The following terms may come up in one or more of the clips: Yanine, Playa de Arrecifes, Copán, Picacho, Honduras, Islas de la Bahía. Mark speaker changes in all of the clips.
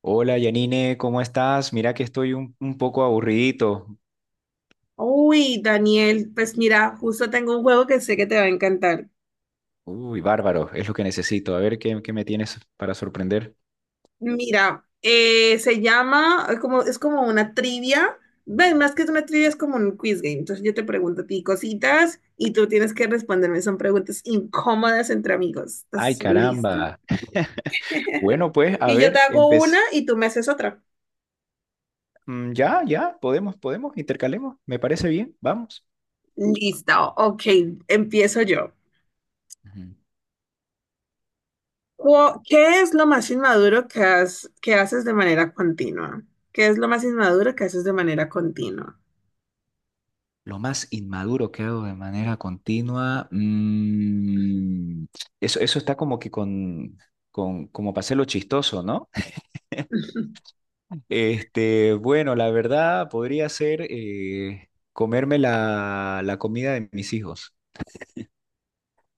Speaker 1: Hola Yanine, ¿cómo estás? Mira que estoy un poco aburridito.
Speaker 2: Uy, Daniel, pues mira, justo tengo un juego que sé que te va a encantar.
Speaker 1: Uy, bárbaro, es lo que necesito. A ver qué me tienes para sorprender.
Speaker 2: Mira, se llama, es como una trivia. Ven, más que una trivia es como un quiz game. Entonces yo te pregunto a ti cositas y tú tienes que responderme. Son preguntas incómodas entre amigos.
Speaker 1: Ay,
Speaker 2: ¿Estás listo?
Speaker 1: caramba. Bueno, pues, a
Speaker 2: Y yo te
Speaker 1: ver,
Speaker 2: hago una
Speaker 1: empecé.
Speaker 2: y tú me haces otra.
Speaker 1: Ya, ya, podemos intercalemos. Me parece bien, vamos.
Speaker 2: Listo, ok, empiezo yo.
Speaker 1: Ujú.
Speaker 2: ¿Qué es lo más inmaduro que haces de manera continua? ¿Qué es lo más inmaduro que haces de manera continua?
Speaker 1: Lo más inmaduro que hago de manera continua, eso está como que con como para hacerlo chistoso, ¿no? Bueno, la verdad podría ser comerme la comida de mis hijos,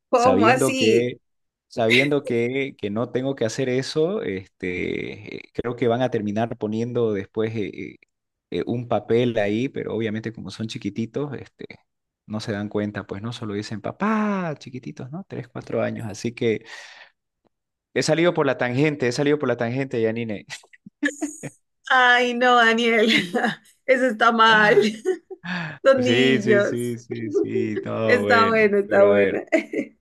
Speaker 2: ¿Cómo
Speaker 1: sabiendo
Speaker 2: así?
Speaker 1: que, sabiendo que no tengo que hacer eso, creo que van a terminar poniendo después un papel ahí, pero obviamente como son chiquititos, no se dan cuenta, pues no solo dicen papá, chiquititos, ¿no? Tres, cuatro años, así que he salido por la tangente, he salido por la tangente, Yanine.
Speaker 2: Ay, no, Daniel, eso está mal. Los
Speaker 1: Sí, sí,
Speaker 2: niños.
Speaker 1: sí, sí, sí, no,
Speaker 2: Está
Speaker 1: bueno,
Speaker 2: bueno, está
Speaker 1: pero a ver.
Speaker 2: buena.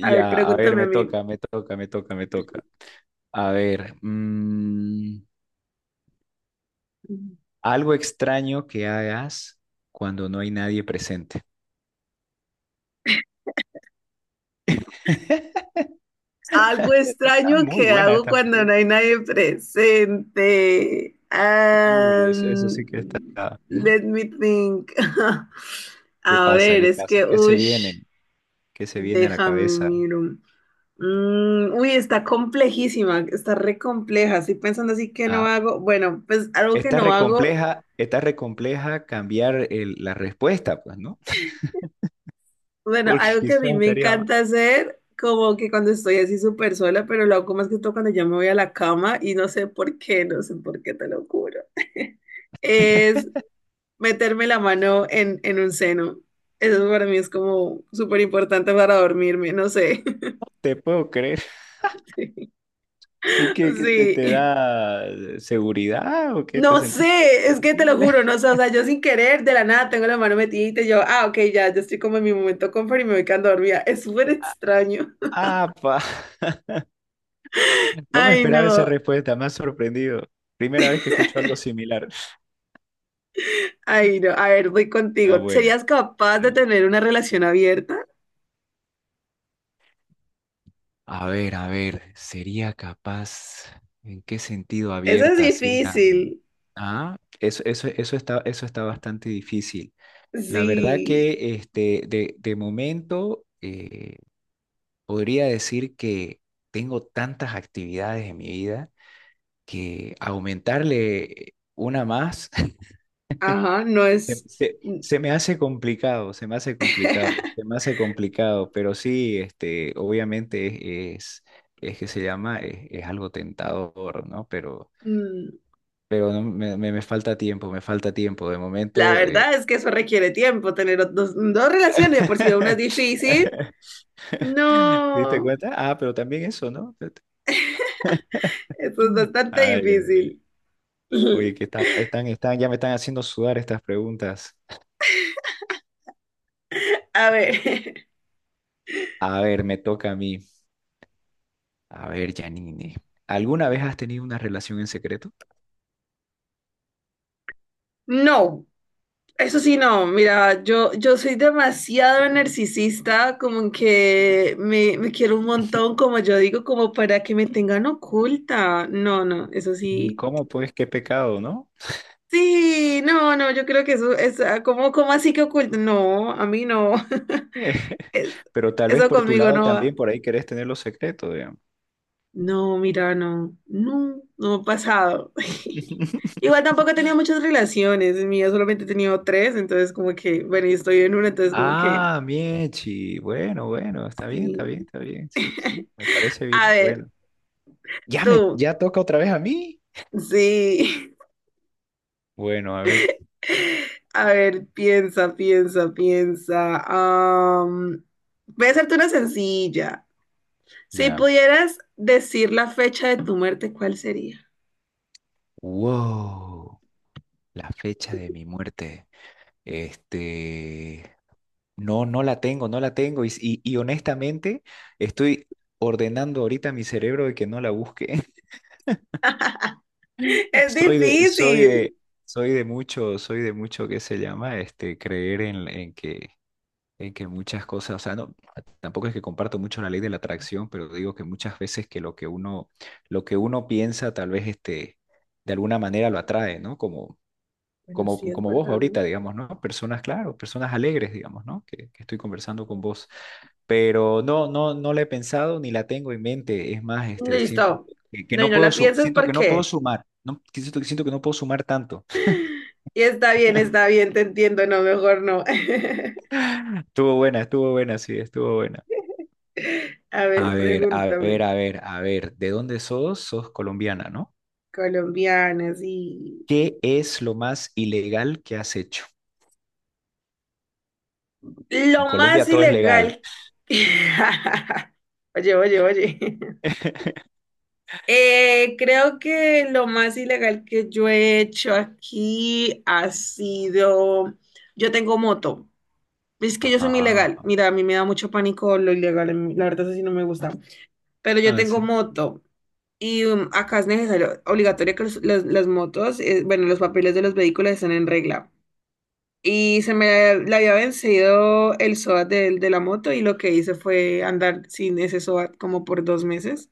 Speaker 2: A ver,
Speaker 1: a ver,
Speaker 2: pregúntame a
Speaker 1: me
Speaker 2: mí.
Speaker 1: toca, me toca, me toca, me toca. A ver, algo extraño que hagas cuando no hay nadie presente.
Speaker 2: Algo
Speaker 1: Está
Speaker 2: extraño
Speaker 1: muy
Speaker 2: que
Speaker 1: buena
Speaker 2: hago
Speaker 1: esta
Speaker 2: cuando no
Speaker 1: pregunta.
Speaker 2: hay nadie presente.
Speaker 1: Uy, eso sí que
Speaker 2: Um,
Speaker 1: está. ¿Mm?
Speaker 2: let me think.
Speaker 1: ¿Qué
Speaker 2: A
Speaker 1: pasa?
Speaker 2: ver,
Speaker 1: ¿Qué
Speaker 2: es
Speaker 1: pasa?
Speaker 2: que,
Speaker 1: ¿Qué se
Speaker 2: uff,
Speaker 1: viene? ¿Qué se viene a la
Speaker 2: déjame
Speaker 1: cabeza?
Speaker 2: miro. Mm, uy, está complejísima, está re compleja. Estoy pensando así que no
Speaker 1: Ah,
Speaker 2: hago. Bueno, pues algo que no hago,
Speaker 1: está recompleja cambiar la respuesta, pues, ¿no?
Speaker 2: bueno,
Speaker 1: Porque
Speaker 2: algo que a
Speaker 1: quizás
Speaker 2: mí me
Speaker 1: estaría más.
Speaker 2: encanta hacer, como que cuando estoy así súper sola, pero lo hago más que todo cuando ya me voy a la cama y no sé por qué, no sé por qué, te lo juro. Es meterme la mano en un seno. Eso para mí es como súper importante para dormirme, no sé.
Speaker 1: Te puedo creer. ¿Y qué te
Speaker 2: Sí.
Speaker 1: da seguridad o qué te
Speaker 2: No
Speaker 1: sentís cómodo?
Speaker 2: sé, es que te lo juro, no sé, o sea, yo sin querer, de la nada, tengo la mano metida y yo, ah, ok, ya, yo estoy como en mi momento confort y me voy quedando dormida. Es súper extraño.
Speaker 1: Ah, pa. No me
Speaker 2: Ay,
Speaker 1: esperaba esa
Speaker 2: no,
Speaker 1: respuesta, me ha sorprendido. Primera vez que escucho algo similar.
Speaker 2: ay, no, a ver, voy
Speaker 1: Está
Speaker 2: contigo.
Speaker 1: buena,
Speaker 2: ¿Serías capaz de
Speaker 1: dale.
Speaker 2: tener una relación abierta?
Speaker 1: A ver, ¿sería capaz? ¿En qué sentido
Speaker 2: Eso es
Speaker 1: abierta así la...
Speaker 2: difícil.
Speaker 1: Ah, eso está bastante difícil. La verdad
Speaker 2: Sí,
Speaker 1: que de momento podría decir que tengo tantas actividades en mi vida que aumentarle una más.
Speaker 2: ajá, no es. mm,
Speaker 1: Se me hace complicado, se me hace complicado, se me hace complicado, pero sí, obviamente es que se llama, es algo tentador, ¿no?
Speaker 2: mm,
Speaker 1: Pero no, me falta tiempo, me falta tiempo. De
Speaker 2: La
Speaker 1: momento, eh.
Speaker 2: verdad es que eso requiere tiempo, tener dos relaciones, de por si una es difícil.
Speaker 1: ¿Te diste
Speaker 2: No,
Speaker 1: cuenta? Ah, pero también eso, ¿no?
Speaker 2: eso es bastante
Speaker 1: Ay, ay, ay.
Speaker 2: difícil.
Speaker 1: Oye, que están, ya me están haciendo sudar estas preguntas.
Speaker 2: A ver,
Speaker 1: A ver, me toca a mí. A ver, Janine, ¿alguna vez has tenido una relación en secreto?
Speaker 2: no, eso sí no, mira, yo soy demasiado narcisista, como que me quiero un montón, como yo digo, como para que me tengan oculta. No, no, eso
Speaker 1: Mm,
Speaker 2: sí.
Speaker 1: ¿cómo pues? Qué pecado, ¿no?
Speaker 2: Sí, no, no, yo creo que eso es como así que oculta. No, a mí no. Es-
Speaker 1: Pero tal vez
Speaker 2: Eso
Speaker 1: por tu
Speaker 2: conmigo
Speaker 1: lado
Speaker 2: no va.
Speaker 1: también por ahí querés tener los secretos, digamos.
Speaker 2: No, mira, no, no, no ha pasado. Igual tampoco he tenido muchas relaciones, en mi vida solamente he tenido tres, entonces como que, bueno, y estoy en una, entonces como que,
Speaker 1: Ah, Miechi. Bueno, bueno, está bien, está bien,
Speaker 2: sí.
Speaker 1: está bien. Sí, sí, me parece
Speaker 2: A
Speaker 1: bien.
Speaker 2: ver,
Speaker 1: Bueno, ya me,
Speaker 2: tú,
Speaker 1: ya toca otra vez a mí.
Speaker 2: sí.
Speaker 1: Bueno, a ver.
Speaker 2: A ver, piensa, piensa, piensa. Voy a hacerte una sencilla. Si
Speaker 1: Ya.
Speaker 2: pudieras decir la fecha de tu muerte, ¿cuál sería?
Speaker 1: Wow, la fecha de mi muerte. Este, no, no la tengo, no la tengo. Y honestamente, estoy ordenando ahorita mi cerebro de que no la busque.
Speaker 2: Es
Speaker 1: Soy de, soy
Speaker 2: difícil.
Speaker 1: de, soy de mucho que se llama creer en que muchas cosas, o sea, no, tampoco es que comparto mucho la ley de la atracción, pero digo que muchas veces que lo que uno piensa, tal vez de alguna manera lo atrae, ¿no?
Speaker 2: Bueno, sí, es
Speaker 1: Como vos
Speaker 2: verdad, ¿no?
Speaker 1: ahorita, digamos, ¿no? Personas, claro, personas alegres, digamos, ¿no? Que estoy conversando con
Speaker 2: Bueno.
Speaker 1: vos, pero no, no, no la he pensado ni la tengo en mente. Es más, siento
Speaker 2: Listo.
Speaker 1: que
Speaker 2: No, y
Speaker 1: no
Speaker 2: no
Speaker 1: puedo,
Speaker 2: la piensas
Speaker 1: siento que no puedo
Speaker 2: porque.
Speaker 1: sumar, no, que siento que no puedo sumar tanto.
Speaker 2: Y está bien, te entiendo, no, mejor no.
Speaker 1: Estuvo buena, sí, estuvo buena.
Speaker 2: A ver,
Speaker 1: A ver, a
Speaker 2: pregúntame.
Speaker 1: ver, a ver, a ver, ¿de dónde sos? Sos colombiana, ¿no?
Speaker 2: Colombianas, sí.
Speaker 1: ¿Qué es lo más ilegal que has hecho? En
Speaker 2: Lo más
Speaker 1: Colombia todo es legal.
Speaker 2: ilegal. Oye, oye, oye. Creo que lo más ilegal que yo he hecho aquí ha sido, yo tengo moto. Es que yo soy muy ilegal.
Speaker 1: Ajá.
Speaker 2: Mira, a mí me da mucho pánico lo ilegal. La verdad, eso sí no me gusta. Pero yo
Speaker 1: Ah,
Speaker 2: tengo
Speaker 1: sí.
Speaker 2: moto. Y acá es necesario, obligatorio que las motos, bueno, los papeles de los vehículos estén en regla. Y se me le había vencido el SOAT de la moto y lo que hice fue andar sin ese SOAT como por 2 meses.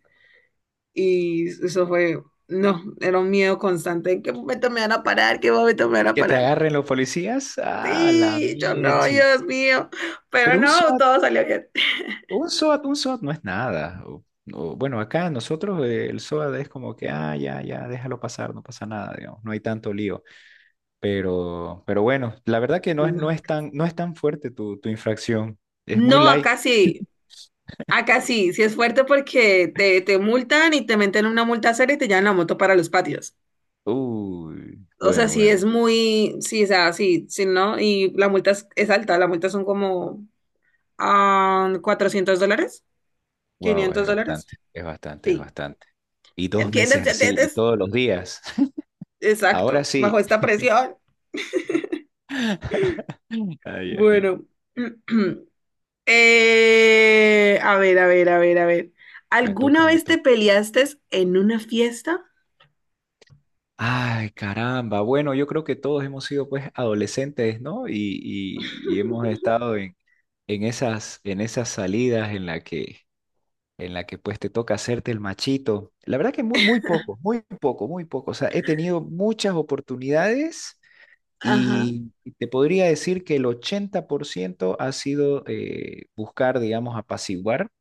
Speaker 2: Y eso fue, no, era un miedo constante. ¿En qué momento me van a parar? ¿Qué momento me van a
Speaker 1: Que te
Speaker 2: parar?
Speaker 1: agarren los policías. Ah, la
Speaker 2: Sí, yo no,
Speaker 1: mieche.
Speaker 2: Dios mío. Pero
Speaker 1: Pero un
Speaker 2: no,
Speaker 1: SWAT.
Speaker 2: todo salió bien.
Speaker 1: Un SOAT no es nada. O, bueno, acá nosotros el SOAT es como que, ah, ya, ya, déjalo pasar, no pasa nada, digamos, no hay tanto lío. Pero bueno, la verdad que no es,
Speaker 2: No, acá sí.
Speaker 1: no es tan fuerte tu infracción. Es muy
Speaker 2: No,
Speaker 1: light.
Speaker 2: acá sí. Acá sí, sí es fuerte porque te multan y te meten una multa seria y te llevan la moto para los patios.
Speaker 1: Uy,
Speaker 2: O sea,
Speaker 1: bueno,
Speaker 2: sí
Speaker 1: bueno,
Speaker 2: es muy, sí, o sea, sí, sí, ¿no? Y la multa es alta, la multa son como $400,
Speaker 1: wow, es
Speaker 2: $500.
Speaker 1: bastante, es bastante, es
Speaker 2: Sí,
Speaker 1: bastante. Y
Speaker 2: ¿ya
Speaker 1: dos
Speaker 2: entiendes?
Speaker 1: meses
Speaker 2: ¿Ya
Speaker 1: así, y
Speaker 2: entiendes?
Speaker 1: todos los días. Ahora
Speaker 2: Exacto, bajo
Speaker 1: sí.
Speaker 2: esta presión.
Speaker 1: Ay, Janine,
Speaker 2: Bueno, a ver, a ver, a ver, a ver.
Speaker 1: me
Speaker 2: ¿Alguna
Speaker 1: toca, me
Speaker 2: vez te
Speaker 1: toca.
Speaker 2: peleaste en una fiesta?
Speaker 1: Ay, caramba. Bueno, yo creo que todos hemos sido pues adolescentes, ¿no? Y, y hemos estado en, en esas salidas en la que pues te toca hacerte el machito. La verdad que muy, muy poco, muy poco, muy poco. O sea, he tenido muchas oportunidades
Speaker 2: Ajá,
Speaker 1: y te podría decir que el 80% ha sido buscar, digamos, apaciguar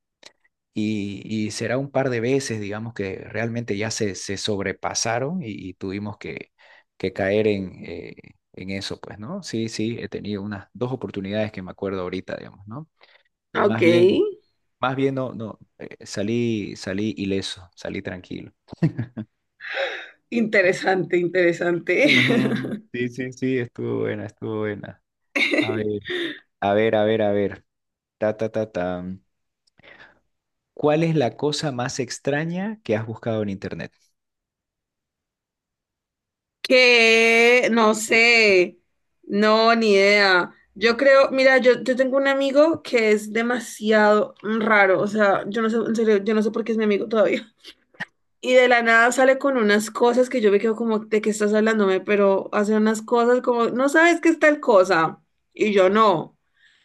Speaker 1: y será un par de veces, digamos, que realmente ya se sobrepasaron y tuvimos que caer en eso, pues, ¿no? Sí, sí, he tenido unas dos oportunidades que me acuerdo ahorita, digamos, ¿no? Y
Speaker 2: ok.
Speaker 1: más bien no, no, salí, salí ileso, salí tranquilo.
Speaker 2: Interesante, interesante.
Speaker 1: Ujú. Sí, sí, sí, estuvo buena, estuvo buena. A ver, a ver, a ver, a ver. Ta, ta, ta, ta. ¿Cuál es la cosa más extraña que has buscado en internet?
Speaker 2: Que no sé, no, ni idea. Yo creo, mira, yo tengo un amigo que es demasiado raro, o sea, yo no sé, en serio, yo no sé por qué es mi amigo todavía. Y de la nada sale con unas cosas que yo me quedo como, ¿de qué estás hablándome? Pero hace unas cosas como, no sabes qué es tal cosa. Y yo no.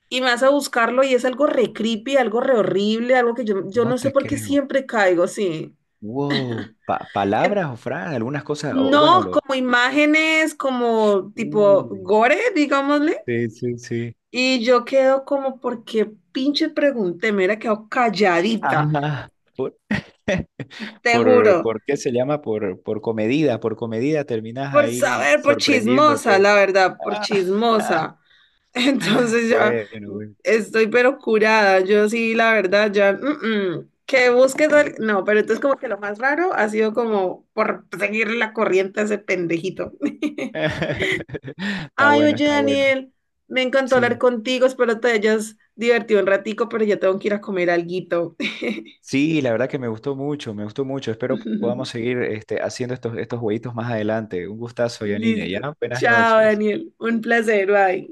Speaker 2: Y me vas a buscarlo y es algo re creepy, algo re horrible, algo que yo
Speaker 1: No
Speaker 2: no sé
Speaker 1: te
Speaker 2: por qué
Speaker 1: creo.
Speaker 2: siempre caigo, sí.
Speaker 1: Wow, palabras o frases, algunas cosas, o bueno,
Speaker 2: No,
Speaker 1: lo...
Speaker 2: como imágenes, como tipo
Speaker 1: Uy,
Speaker 2: gore, digámosle.
Speaker 1: sí, sí, sí.
Speaker 2: Y yo quedo como, ¿porque pinche pregunté? Me hubiera quedado calladita,
Speaker 1: Ajá. Por,
Speaker 2: te juro.
Speaker 1: ¿por qué se llama? Por comedida terminas
Speaker 2: Por
Speaker 1: ahí
Speaker 2: saber, por chismosa,
Speaker 1: sorprendiéndote.
Speaker 2: la verdad, por
Speaker 1: Ah,
Speaker 2: chismosa. Entonces ya
Speaker 1: bueno, bueno.
Speaker 2: estoy pero curada. Yo sí, la verdad, ya. Que busques. No, pero entonces como que lo más raro ha sido como por seguir la corriente a ese pendejito.
Speaker 1: Está
Speaker 2: Ay,
Speaker 1: bueno,
Speaker 2: oye,
Speaker 1: está bueno.
Speaker 2: Daniel, me encantó hablar
Speaker 1: Sí.
Speaker 2: contigo, espero te hayas divertido un ratico, pero ya tengo que ir a comer alguito.
Speaker 1: Sí, la verdad que me gustó mucho, me gustó mucho. Espero podamos seguir haciendo estos, estos jueguitos más adelante. Un gustazo, Yanine,
Speaker 2: Listo.
Speaker 1: ¿ya? Buenas
Speaker 2: Chao,
Speaker 1: noches.
Speaker 2: Daniel. Un placer, bye.